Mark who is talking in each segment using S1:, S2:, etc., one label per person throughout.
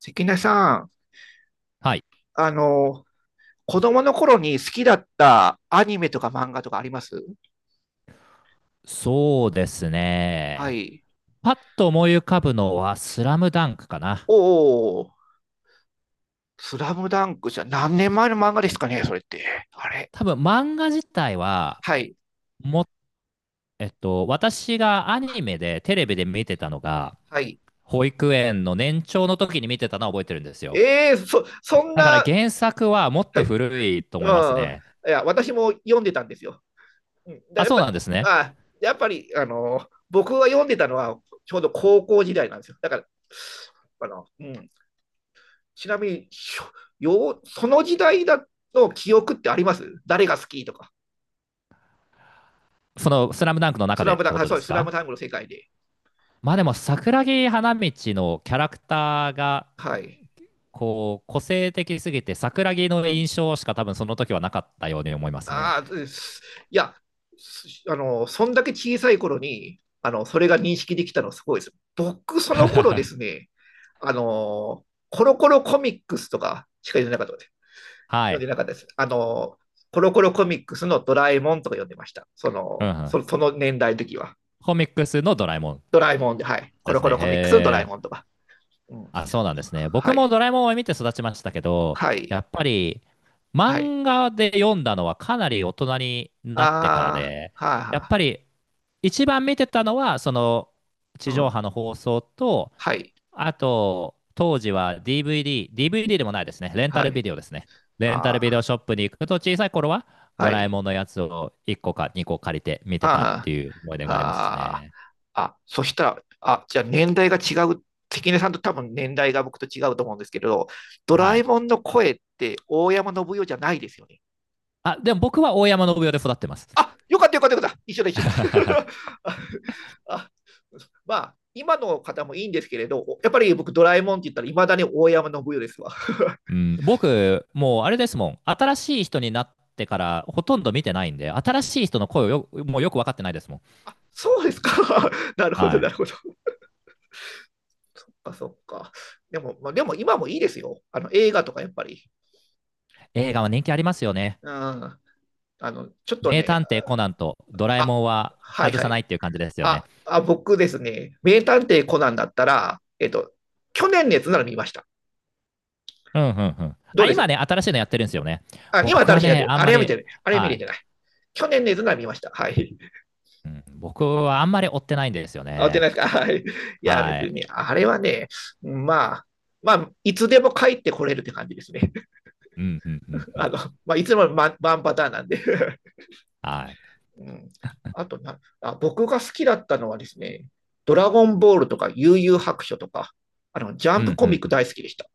S1: 関根さん、
S2: はい。
S1: あの、子供の頃に好きだったアニメとか漫画とかあります
S2: そうです
S1: は
S2: ね。
S1: い。
S2: パッと思い浮かぶのはスラムダンクかな。
S1: おお、スラムダンクじゃ何年前の漫画ですかね、それって。あれ
S2: 多分漫画自体は、
S1: はい。
S2: も、私がア
S1: は
S2: ニメでテレビで見てたのが、
S1: はい。
S2: 保育園の年長の時に見てたのは覚えてるんですよ。
S1: ええーそ、そん
S2: だから
S1: な、
S2: 原作はもっ
S1: は
S2: と
S1: い。
S2: 古いと
S1: う
S2: 思います
S1: ん。
S2: ね。
S1: いや、私も読んでたんですよ。うん、だ
S2: あ、
S1: やっ
S2: そう
S1: ぱ、
S2: なんですね。
S1: あ、やっぱり、僕が読んでたのはちょうど高校時代なんですよ。だから、あの、うん。ちなみに、その時代だの記憶ってあります誰が好きとか。
S2: そのスラムダンクの
S1: ス
S2: 中
S1: ラ
S2: でっ
S1: ム
S2: て
S1: ダ
S2: こ
S1: あ
S2: と
S1: そ
S2: で
S1: うです、
S2: す
S1: スラム
S2: か？
S1: ダンクの世界で。
S2: まあでも桜木花道のキャラクターが
S1: はい。
S2: こう、個性的すぎて、桜木の印象しか多分その時はなかったように思いますね。
S1: ああ、いや、そんだけ小さい頃に、それが認識できたのすごいです。僕、その頃ですね、コロコロコミックスとかしか読んでなかったです。
S2: は
S1: 読ん
S2: い。
S1: でなかったです。コロコロコミックスのドラえもんとか読んでました。
S2: うんうん。
S1: その年代の時は。
S2: コミックスのドラえもん
S1: ドラえもんで、はい。コ
S2: で
S1: ロ
S2: す
S1: コ
S2: ね。
S1: ロコミックスのドラ
S2: へ
S1: えもん
S2: ー。
S1: とか。うん。
S2: あ、そうなんですね。僕
S1: はい。
S2: もドラえもんを見て育ちましたけど、
S1: は
S2: や
S1: い。
S2: っぱり
S1: はい。
S2: 漫画で読んだのはかなり大人になってから
S1: あ
S2: で、
S1: ーはい。
S2: やっ
S1: は
S2: ぱ
S1: い。
S2: り一番見てたのは、その
S1: う
S2: 地上波
S1: ん。
S2: の放送と、
S1: はい。
S2: あと、当時は DVD、DVD でもないですね。レンタ
S1: は
S2: ル
S1: い。
S2: ビデオですね。レンタル
S1: あ
S2: ビデ
S1: ー
S2: オショップに行くと、小さい頃はド
S1: は
S2: ラえ
S1: い。
S2: もんのやつを1個か2個借りて見てたっ
S1: あ
S2: ていう思い出
S1: あ、
S2: があります
S1: あ
S2: ね。
S1: あ、あ、そしたら、あ、じゃあ年代が違う。関根さんと多分年代が僕と違うと思うんですけれど、ドラ
S2: は
S1: え
S2: い。
S1: もんの声って大山信代じゃないですよね？
S2: あ、でも僕は大山信代で育ってます。
S1: あ、よかったよかったよかった。一緒だ一緒だ。あ、あまあ、今の方もいいんですけれど、やっぱり僕ドラえもんって言ったらいまだに大山信代ですわ。
S2: うん、僕、もうあれですもん。新しい人になってからほとんど見てないんで、新しい人の声をもうよく分かってないですもん。
S1: あ、そうですか。なるほど、
S2: は
S1: な
S2: い。
S1: るほど。あ、そっか。でも、まあ、でも今もいいですよ。映画とかやっぱり。
S2: 映画は人気ありますよね。
S1: うん。ちょっと
S2: 名
S1: ね、
S2: 探偵コナンとドラえ
S1: あ、
S2: もんは
S1: はい
S2: 外
S1: は
S2: さな
S1: い。
S2: いっていう感じですよ
S1: あ、
S2: ね。
S1: あ、僕ですね、名探偵コナンだったら、去年のやつなら見ました。
S2: うんうんうん。
S1: どう
S2: あ、
S1: で
S2: 今
S1: す？
S2: ね、新しいのやってるんですよね。
S1: あ、今
S2: 僕
S1: 新
S2: は
S1: しいなって
S2: ね、
S1: る。
S2: あん
S1: あれ
S2: ま
S1: は見
S2: り、
S1: てない。あれは見れ
S2: は
S1: てない。去年のやつなら見ました。はい。
S2: い。うん、僕はあんまり追ってないんですよ
S1: あ、追ってない
S2: ね。
S1: ですか？はい。いや、別
S2: は
S1: に
S2: い。
S1: ね、あれはね、まあ、まあ、いつでも帰ってこれるって感じですね。
S2: うんうんうんう
S1: あ
S2: ん。
S1: の、まあ、いつもワンワンパターンなんで、
S2: はい。
S1: うん。あとなあ、僕が好きだったのはですね、ドラゴンボールとか悠々白書とか、ジャ
S2: う
S1: ンプ
S2: ん
S1: コ
S2: う
S1: ミ
S2: ん
S1: ック
S2: うん。
S1: 大好きでした。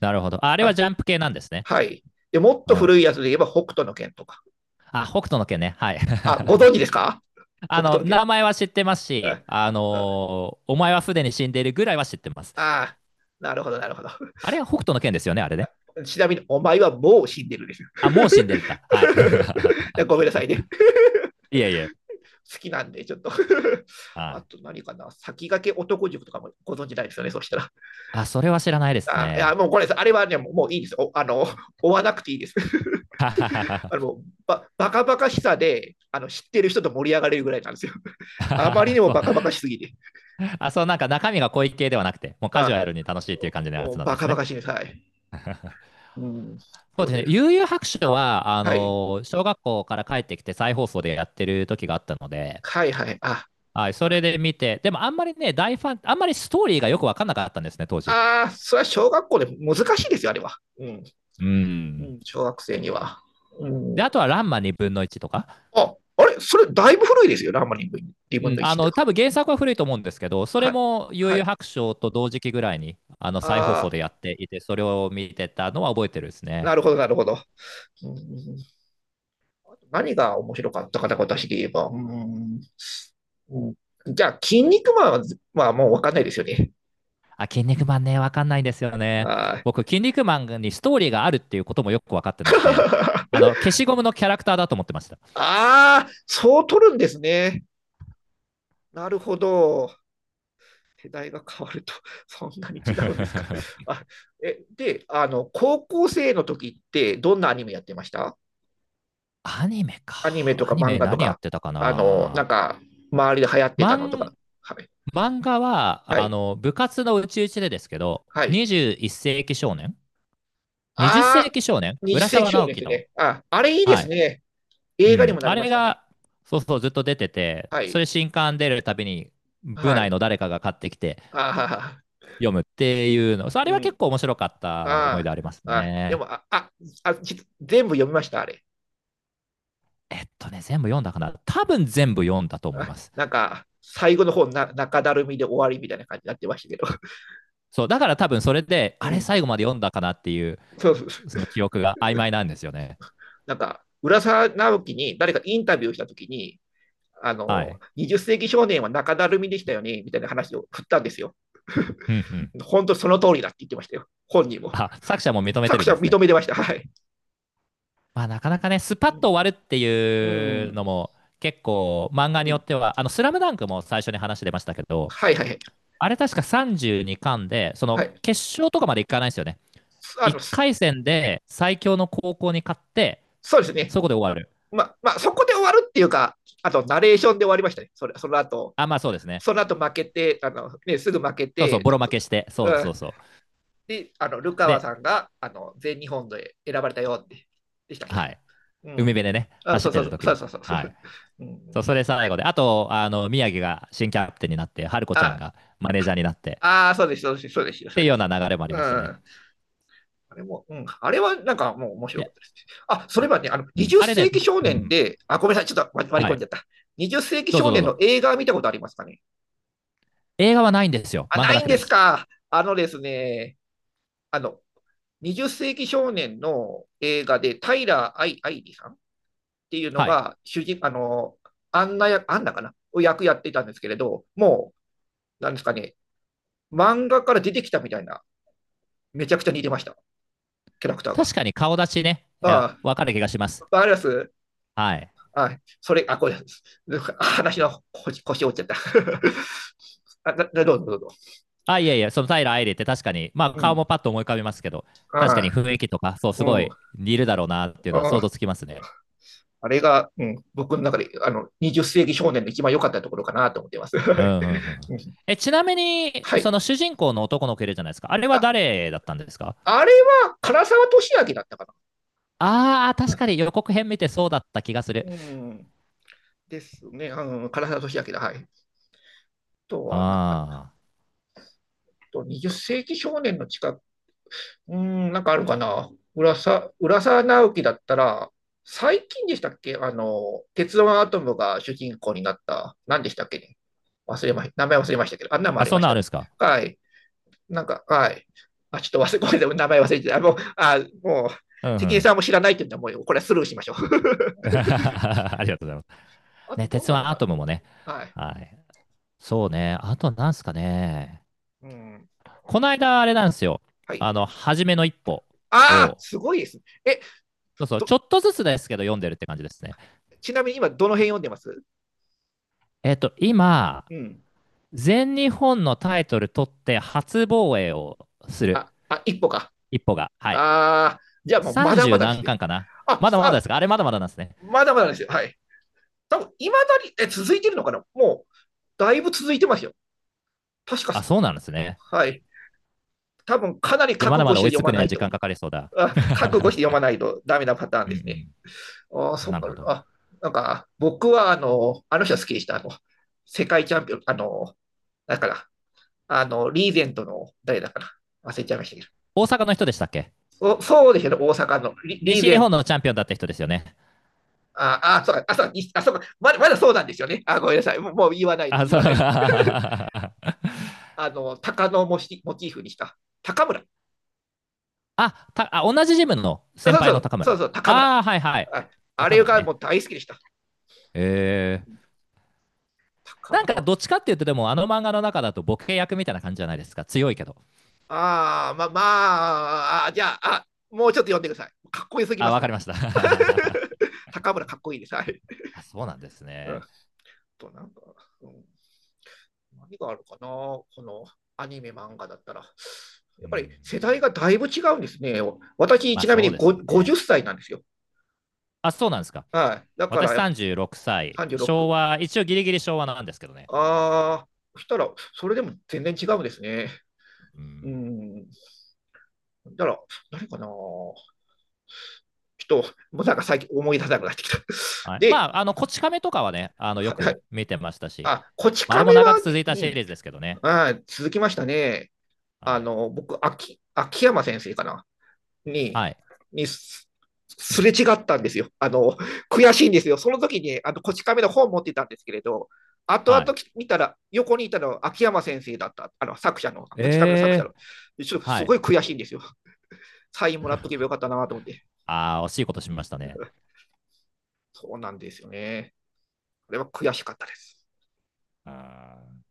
S2: なるほど。あれは
S1: あ、
S2: ジャンプ系なんですね。
S1: はい。で、もっ
S2: う
S1: と
S2: ん。
S1: 古いやつで言えば北斗の拳とか。
S2: あ、北斗の拳ね。はい。
S1: あ、ご存 知ですか？北斗の拳。
S2: 名前は知ってますし、
S1: あ、
S2: お前はすでに死んでいるぐらいは知ってます。
S1: あなるほど、なるほど。
S2: あれは
S1: う
S2: 北
S1: ん、
S2: 斗の拳ですよね、あれね。
S1: ちなみに、お前はもう死んでるですよ。
S2: あ、もう死んでるんだ。はい。
S1: ごめんなさいね。
S2: いえいえ。
S1: 好きなんで、ちょっと
S2: は
S1: あ
S2: い。
S1: と何かな、先駆け男塾とかもご存知ないですよね、そしたら。
S2: あ、それは知らないです
S1: あ、いや、
S2: ね。
S1: もうこれです。あれはね、もういいです。お追わなくていいです。あ のバカバカしさで知ってる人と盛り上がれるぐらいなんですよ。あまりにも
S2: そう。
S1: バカバカしすぎて。
S2: あ、そう、なんか中身が濃い系ではなくて、もうカ
S1: あ、
S2: ジュアルに楽しいっていう感じのやつなん
S1: バ
S2: です
S1: カバ
S2: ね。
S1: カしいです。はい。うん、
S2: そう
S1: そう
S2: ですね。
S1: です。
S2: 悠々白書は、
S1: はい。
S2: 小学校から帰ってきて再放送でやってる時があったので、
S1: はいはい。あ、
S2: はい、それで見て、でもあんまりね、大ファン、あんまりストーリーがよくわかんなかったんですね、当時。
S1: ああ、それは小学校で難しいですよ、あれは。うん。
S2: う
S1: う
S2: ん。
S1: ん、小学生には。う
S2: で、
S1: ん、
S2: あとはランマ2分の1とか。
S1: あ、あれそれだいぶ古いですよね、ラーマ2分
S2: うん、
S1: の1って。
S2: 多分原作は古いと思うんですけど、そ
S1: は
S2: れ
S1: い。
S2: も悠
S1: は
S2: 々
S1: い。
S2: 白書と同時期ぐらいに、再放
S1: あ
S2: 送
S1: あ、
S2: でやっていて、それを見てたのは覚えてるです
S1: な
S2: ね。
S1: るほど、なるほど。うん、何が面白かったかな、私で言えば。うん、うん、じゃあ、筋肉マンは、まあ、もうわかんないですよね。
S2: あ、筋肉マンね、わかんないんですよね。
S1: あー
S2: 僕、筋肉マンにストーリーがあるっていうこともよくわかってなくて、消しゴムのキャラクターだと思ってました。
S1: あー、そう取るんですね。なるほど。世代が変わると、そんなに違うんですか？あ、えで高校生の時って、どんなアニメやってました？
S2: アニメか。
S1: アニメとか
S2: アニ
S1: 漫
S2: メ
S1: 画と
S2: 何やっ
S1: か、
S2: てたか
S1: あの、な
S2: な。
S1: んか、周りで流行ってたのとか。
S2: 漫、
S1: はい。
S2: 漫画は、
S1: はい。
S2: 部活のうちうちでですけど、
S1: はい。
S2: 21世紀少年 ?20
S1: あ
S2: 世
S1: あ、
S2: 紀少年
S1: 20
S2: 浦
S1: 世紀
S2: 沢
S1: 少年
S2: 直
S1: で
S2: 樹
S1: す
S2: の。
S1: ね。あ、あれいいで
S2: は
S1: す
S2: い。
S1: ね。
S2: う
S1: 映画に
S2: ん。
S1: もな
S2: あ
S1: りま
S2: れ
S1: したね。
S2: が、そうそう、ずっと出てて、
S1: は
S2: それ
S1: い。
S2: 新刊出るたびに、部
S1: は
S2: 内
S1: い。
S2: の誰かが買ってきて、
S1: ああ、
S2: 読むっていうの、そう あ
S1: う
S2: れは結
S1: ん。
S2: 構面白かった思い
S1: あ
S2: 出あります
S1: あ、あ、で
S2: ね。
S1: も、あ、あ、あ、じ全部読みました、あれ。
S2: 全部読んだかな。多分全部読んだと思い
S1: あ、
S2: ます。
S1: なんか、最後の方な、中だるみで終わりみたいな感じになってましたけど。
S2: そう、だから多分それで、
S1: う
S2: あれ
S1: ん。
S2: 最後まで読んだかなっていう、
S1: そうそうそう。
S2: その記憶が曖昧なんですよね。
S1: なんか、浦沢直樹に誰かインタビューしたときに、
S2: はい。
S1: 20世紀少年は中だるみでしたよね、みたいな話を振ったんですよ。
S2: うんうん。
S1: 本当その通りだって言ってましたよ。本人も。
S2: あ、作者も認めて
S1: 作
S2: るん
S1: 者
S2: です
S1: 認
S2: ね。
S1: めてました。はい。
S2: まあなかなかね、スパッ
S1: う
S2: と終わるって
S1: ん。
S2: いう
S1: う
S2: のも、結構漫画によ
S1: ん。
S2: っては、スラムダンクも最初に話出ましたけど、
S1: はいはいはい。
S2: あれ確か32巻で、そ
S1: は
S2: の
S1: い。
S2: 決勝とかまでいかないんですよね。1
S1: そ
S2: 回戦で最強の高校に勝って、
S1: うですね。
S2: そこで終わる。
S1: まあ、そこで終わるっていうか、あと、ナレーションで終わりましたね。それその後、
S2: あ、まあそうですね。
S1: その後負けて、ね、すぐ負け
S2: そうそう、
S1: て、
S2: ボロ負けして、そう
S1: う
S2: そ
S1: ん、
S2: うそう。
S1: で、ルカワ
S2: で、
S1: さんが、全日本で選ばれたよって、でしたっけ
S2: は
S1: な。
S2: い。
S1: う
S2: 海辺
S1: ん。
S2: でね、
S1: あ、
S2: 走
S1: そ
S2: っ
S1: う
S2: て
S1: そうそ
S2: る時
S1: う、
S2: に。
S1: そうそうそ
S2: は
S1: う。
S2: い。
S1: うん、
S2: そう、それ最後で。あと、宮城が新キャプテンになって、春子ちゃん
S1: あ、
S2: がマネージャーになって、
S1: ああ、そうです、そうです、そうですよ、
S2: っ
S1: そ
S2: て
S1: う
S2: いう
S1: で
S2: よう
S1: す。
S2: な流れもあり
S1: う
S2: ましたね。
S1: ん。あれも、うん。あれはなんかもう面白かっ
S2: で、
S1: たですね。あ、それはね、
S2: うん、
S1: 20
S2: あれね、
S1: 世紀
S2: ど
S1: 少
S2: う
S1: 年
S2: ん、
S1: で、あ、ごめんなさい、ちょっと割り
S2: は
S1: 込ん
S2: い。
S1: じゃった。20世紀
S2: どう
S1: 少
S2: ぞどう
S1: 年の
S2: ぞ。
S1: 映画見たことありますかね？
S2: 映画はないんですよ。
S1: あ、
S2: 漫
S1: な
S2: 画だ
S1: いん
S2: けで
S1: です
S2: す。
S1: か。あのですね、あの、20世紀少年の映画で、タイラー・アイ・アイリさんっていうの
S2: はい。
S1: が、主人、あの、アンナ役、アンナかなを役やってたんですけれど、もう、なんですかね、漫画から出てきたみたいな、めちゃくちゃ似てました、キャラクターが。
S2: 確かに顔出しね、いや
S1: ああ、
S2: わかる気がします。
S1: わかります？
S2: はい。
S1: あ、それ、あ、これ、あ、話の腰折っちゃった。あ、だ、だどうぞどうぞ。
S2: あ、いやいや、その平愛理って確かに、まあ
S1: う
S2: 顔
S1: ん。
S2: もパッと思い浮かびますけど、確か
S1: あ
S2: に雰囲気とか、そう、
S1: う
S2: すご
S1: ん。
S2: い似るだろうなっていうのは想
S1: あ、
S2: 像
S1: あ
S2: つきますね。
S1: あ、れが、うん、僕の中で、20世紀少年の一番良かったところかなと思ってます。
S2: う
S1: は
S2: ん
S1: い、
S2: うんうん。
S1: うん。
S2: え、ちなみに、
S1: は
S2: そ
S1: い。
S2: の主人公の男の子いるじゃないですか。あれは
S1: あ、
S2: 誰だったんですか？
S1: あれは、唐沢俊明だったか
S2: ああー、確
S1: な。
S2: かに予告編見てそうだった気がする。
S1: うん。ですね。うん、唐沢俊明だ。はい。あとは、なんか、あ
S2: あ
S1: と20世紀少年のうーん、なんかあるかな。浦沢直樹だったら、最近でしたっけ？あの、鉄腕アトムが主人公になった、何でしたっけね。忘れま、名前忘れましたけど、あ
S2: ー。
S1: んなのもあ
S2: あ、
S1: り
S2: そ
S1: ま
S2: ん
S1: し
S2: なんあ
S1: た
S2: るんで
S1: ね。
S2: すか？
S1: はい。なんか、はい。あ、ちょっと忘れ、ごめんなさい、名前忘れてた。あ、もう、あ、もう、
S2: うんう
S1: 関根
S2: ん。
S1: さんも知らないって言うんだ、もう、これはスルーしましょう。
S2: ありがとうございます。
S1: あ
S2: ね、
S1: と、ど
S2: 鉄
S1: ん
S2: 腕
S1: なの
S2: ア
S1: か
S2: トムもね。
S1: な。はい。
S2: はい。そうね。あとなんすかね。
S1: うん。
S2: この間、あれなんですよ。
S1: はい。
S2: 初めの一歩
S1: ああ、
S2: を、
S1: すごいですね。え、
S2: そうそう、ち
S1: と、
S2: ょっとずつですけど読んでるって感じですね。
S1: ちなみに今、どの辺読んでます？
S2: 今、
S1: うん。
S2: 全日本のタイトル取って初防衛をする。
S1: あ、あ、一歩か。
S2: 一歩が。はい。
S1: ああ、じゃあもうまだま
S2: 30
S1: だです
S2: 何
S1: ね。
S2: 巻かな？
S1: あ、
S2: まだまだで
S1: あ、
S2: すか？あれまだまだなんですね。
S1: まだまだですよ。はい。多分、いまだに、え、続いてるのかな？もう、だいぶ続いてますよ。確か、
S2: あ、そうなんですね。
S1: はい。多分、かなり
S2: じゃあま
S1: 覚
S2: だ
S1: 悟
S2: ま
S1: し
S2: だ
S1: て
S2: 追い
S1: 読
S2: つく
S1: ま
S2: に
S1: な
S2: は
S1: い
S2: 時間
S1: と。
S2: かかりそうだ。
S1: あ、覚悟して読まないとダメなパターン
S2: う
S1: ですね。
S2: ん
S1: あ、
S2: うん。
S1: そっ
S2: なる
S1: か、
S2: ほど。
S1: あ、なんか、僕は、あの人好きでした。世界チャンピオン、だから、リーゼントの、誰だかな忘れちゃいましたけ
S2: 大阪の人でしたっけ？
S1: ど。そうですよね、大阪のリー
S2: 西
S1: ゼ
S2: 日
S1: ン、
S2: 本のチャンピオンだった人ですよね。
S1: ああ、そうか、あ、そうに、あ、そうかまだ、まだそうなんですよね。あ、ごめんなさい。もうもう言わないで
S2: あ、
S1: す、言
S2: そう。
S1: わ ないです。
S2: あ、
S1: 鷹のモチーフにした。高村。
S2: 同じジムの
S1: あ、
S2: 先
S1: そうそ
S2: 輩の
S1: う、
S2: 高
S1: そう
S2: 村。
S1: そう、高村。
S2: ああ、はいはい。
S1: あ、あ
S2: 高
S1: れ
S2: 村
S1: が
S2: ね。
S1: もう大好きでした。
S2: えー。
S1: 高
S2: なんか
S1: 村。うん、
S2: どっちかっていうと、でもあの漫画の中だとボケ役みたいな感じじゃないですか。強いけど。
S1: ああ、まあ、あ、じゃあ、あ、もうちょっと読んでください。かっこよすぎ
S2: あ、
S1: ま
S2: わか
S1: す。
S2: りました。
S1: 高村かっこいいです。はい。
S2: あ、そうなんです
S1: うん、
S2: ね。
S1: となんか、うん、何があるかな、このアニメ、漫画だったら。や
S2: う
S1: っぱり
S2: ん。
S1: 世代がだいぶ違うんですね。私、
S2: まあ
S1: ちなみ
S2: そう
S1: に
S2: です
S1: 50
S2: ね。
S1: 歳なんですよ。
S2: あ、そうなんですか。
S1: はい。だか
S2: 私
S1: らやっぱ
S2: 36歳、昭
S1: 36。
S2: 和、一応ギリギリ昭和なんですけどね。
S1: ああ、そしたら、それでも全然違うんですね。
S2: う
S1: う
S2: ん。
S1: ん。だから、何かな。ちょっと、もうなんか最近思い出せなくなってきた。
S2: はい、ま
S1: で、
S2: あ、こち亀とかはね、よ
S1: はい、は
S2: く
S1: い。
S2: 見てましたし、
S1: あ、こち
S2: まああれも
S1: 亀
S2: 長
S1: は
S2: く続
S1: ね、
S2: い
S1: う
S2: たシリ
S1: ん。
S2: ーズですけどね。
S1: あ、続きましたね。
S2: はい。
S1: 僕、秋山先生かな。に、
S2: はい。
S1: にすすれ違ったんですよ。悔しいんですよ。その時に、こち亀の本を持ってたんですけれど、後
S2: は
S1: 々
S2: い。
S1: 見たら、横にいたのは秋山先生だった、作者の、
S2: え
S1: こち亀の作者
S2: え
S1: の。ちょっと
S2: ー、
S1: す
S2: は
S1: ご
S2: い。
S1: い悔しいんですよ。サインもらっとけばよかったなと思って。
S2: ああ、惜しいことしましたね。
S1: そうなんですよね。これは悔しかったです。
S2: あー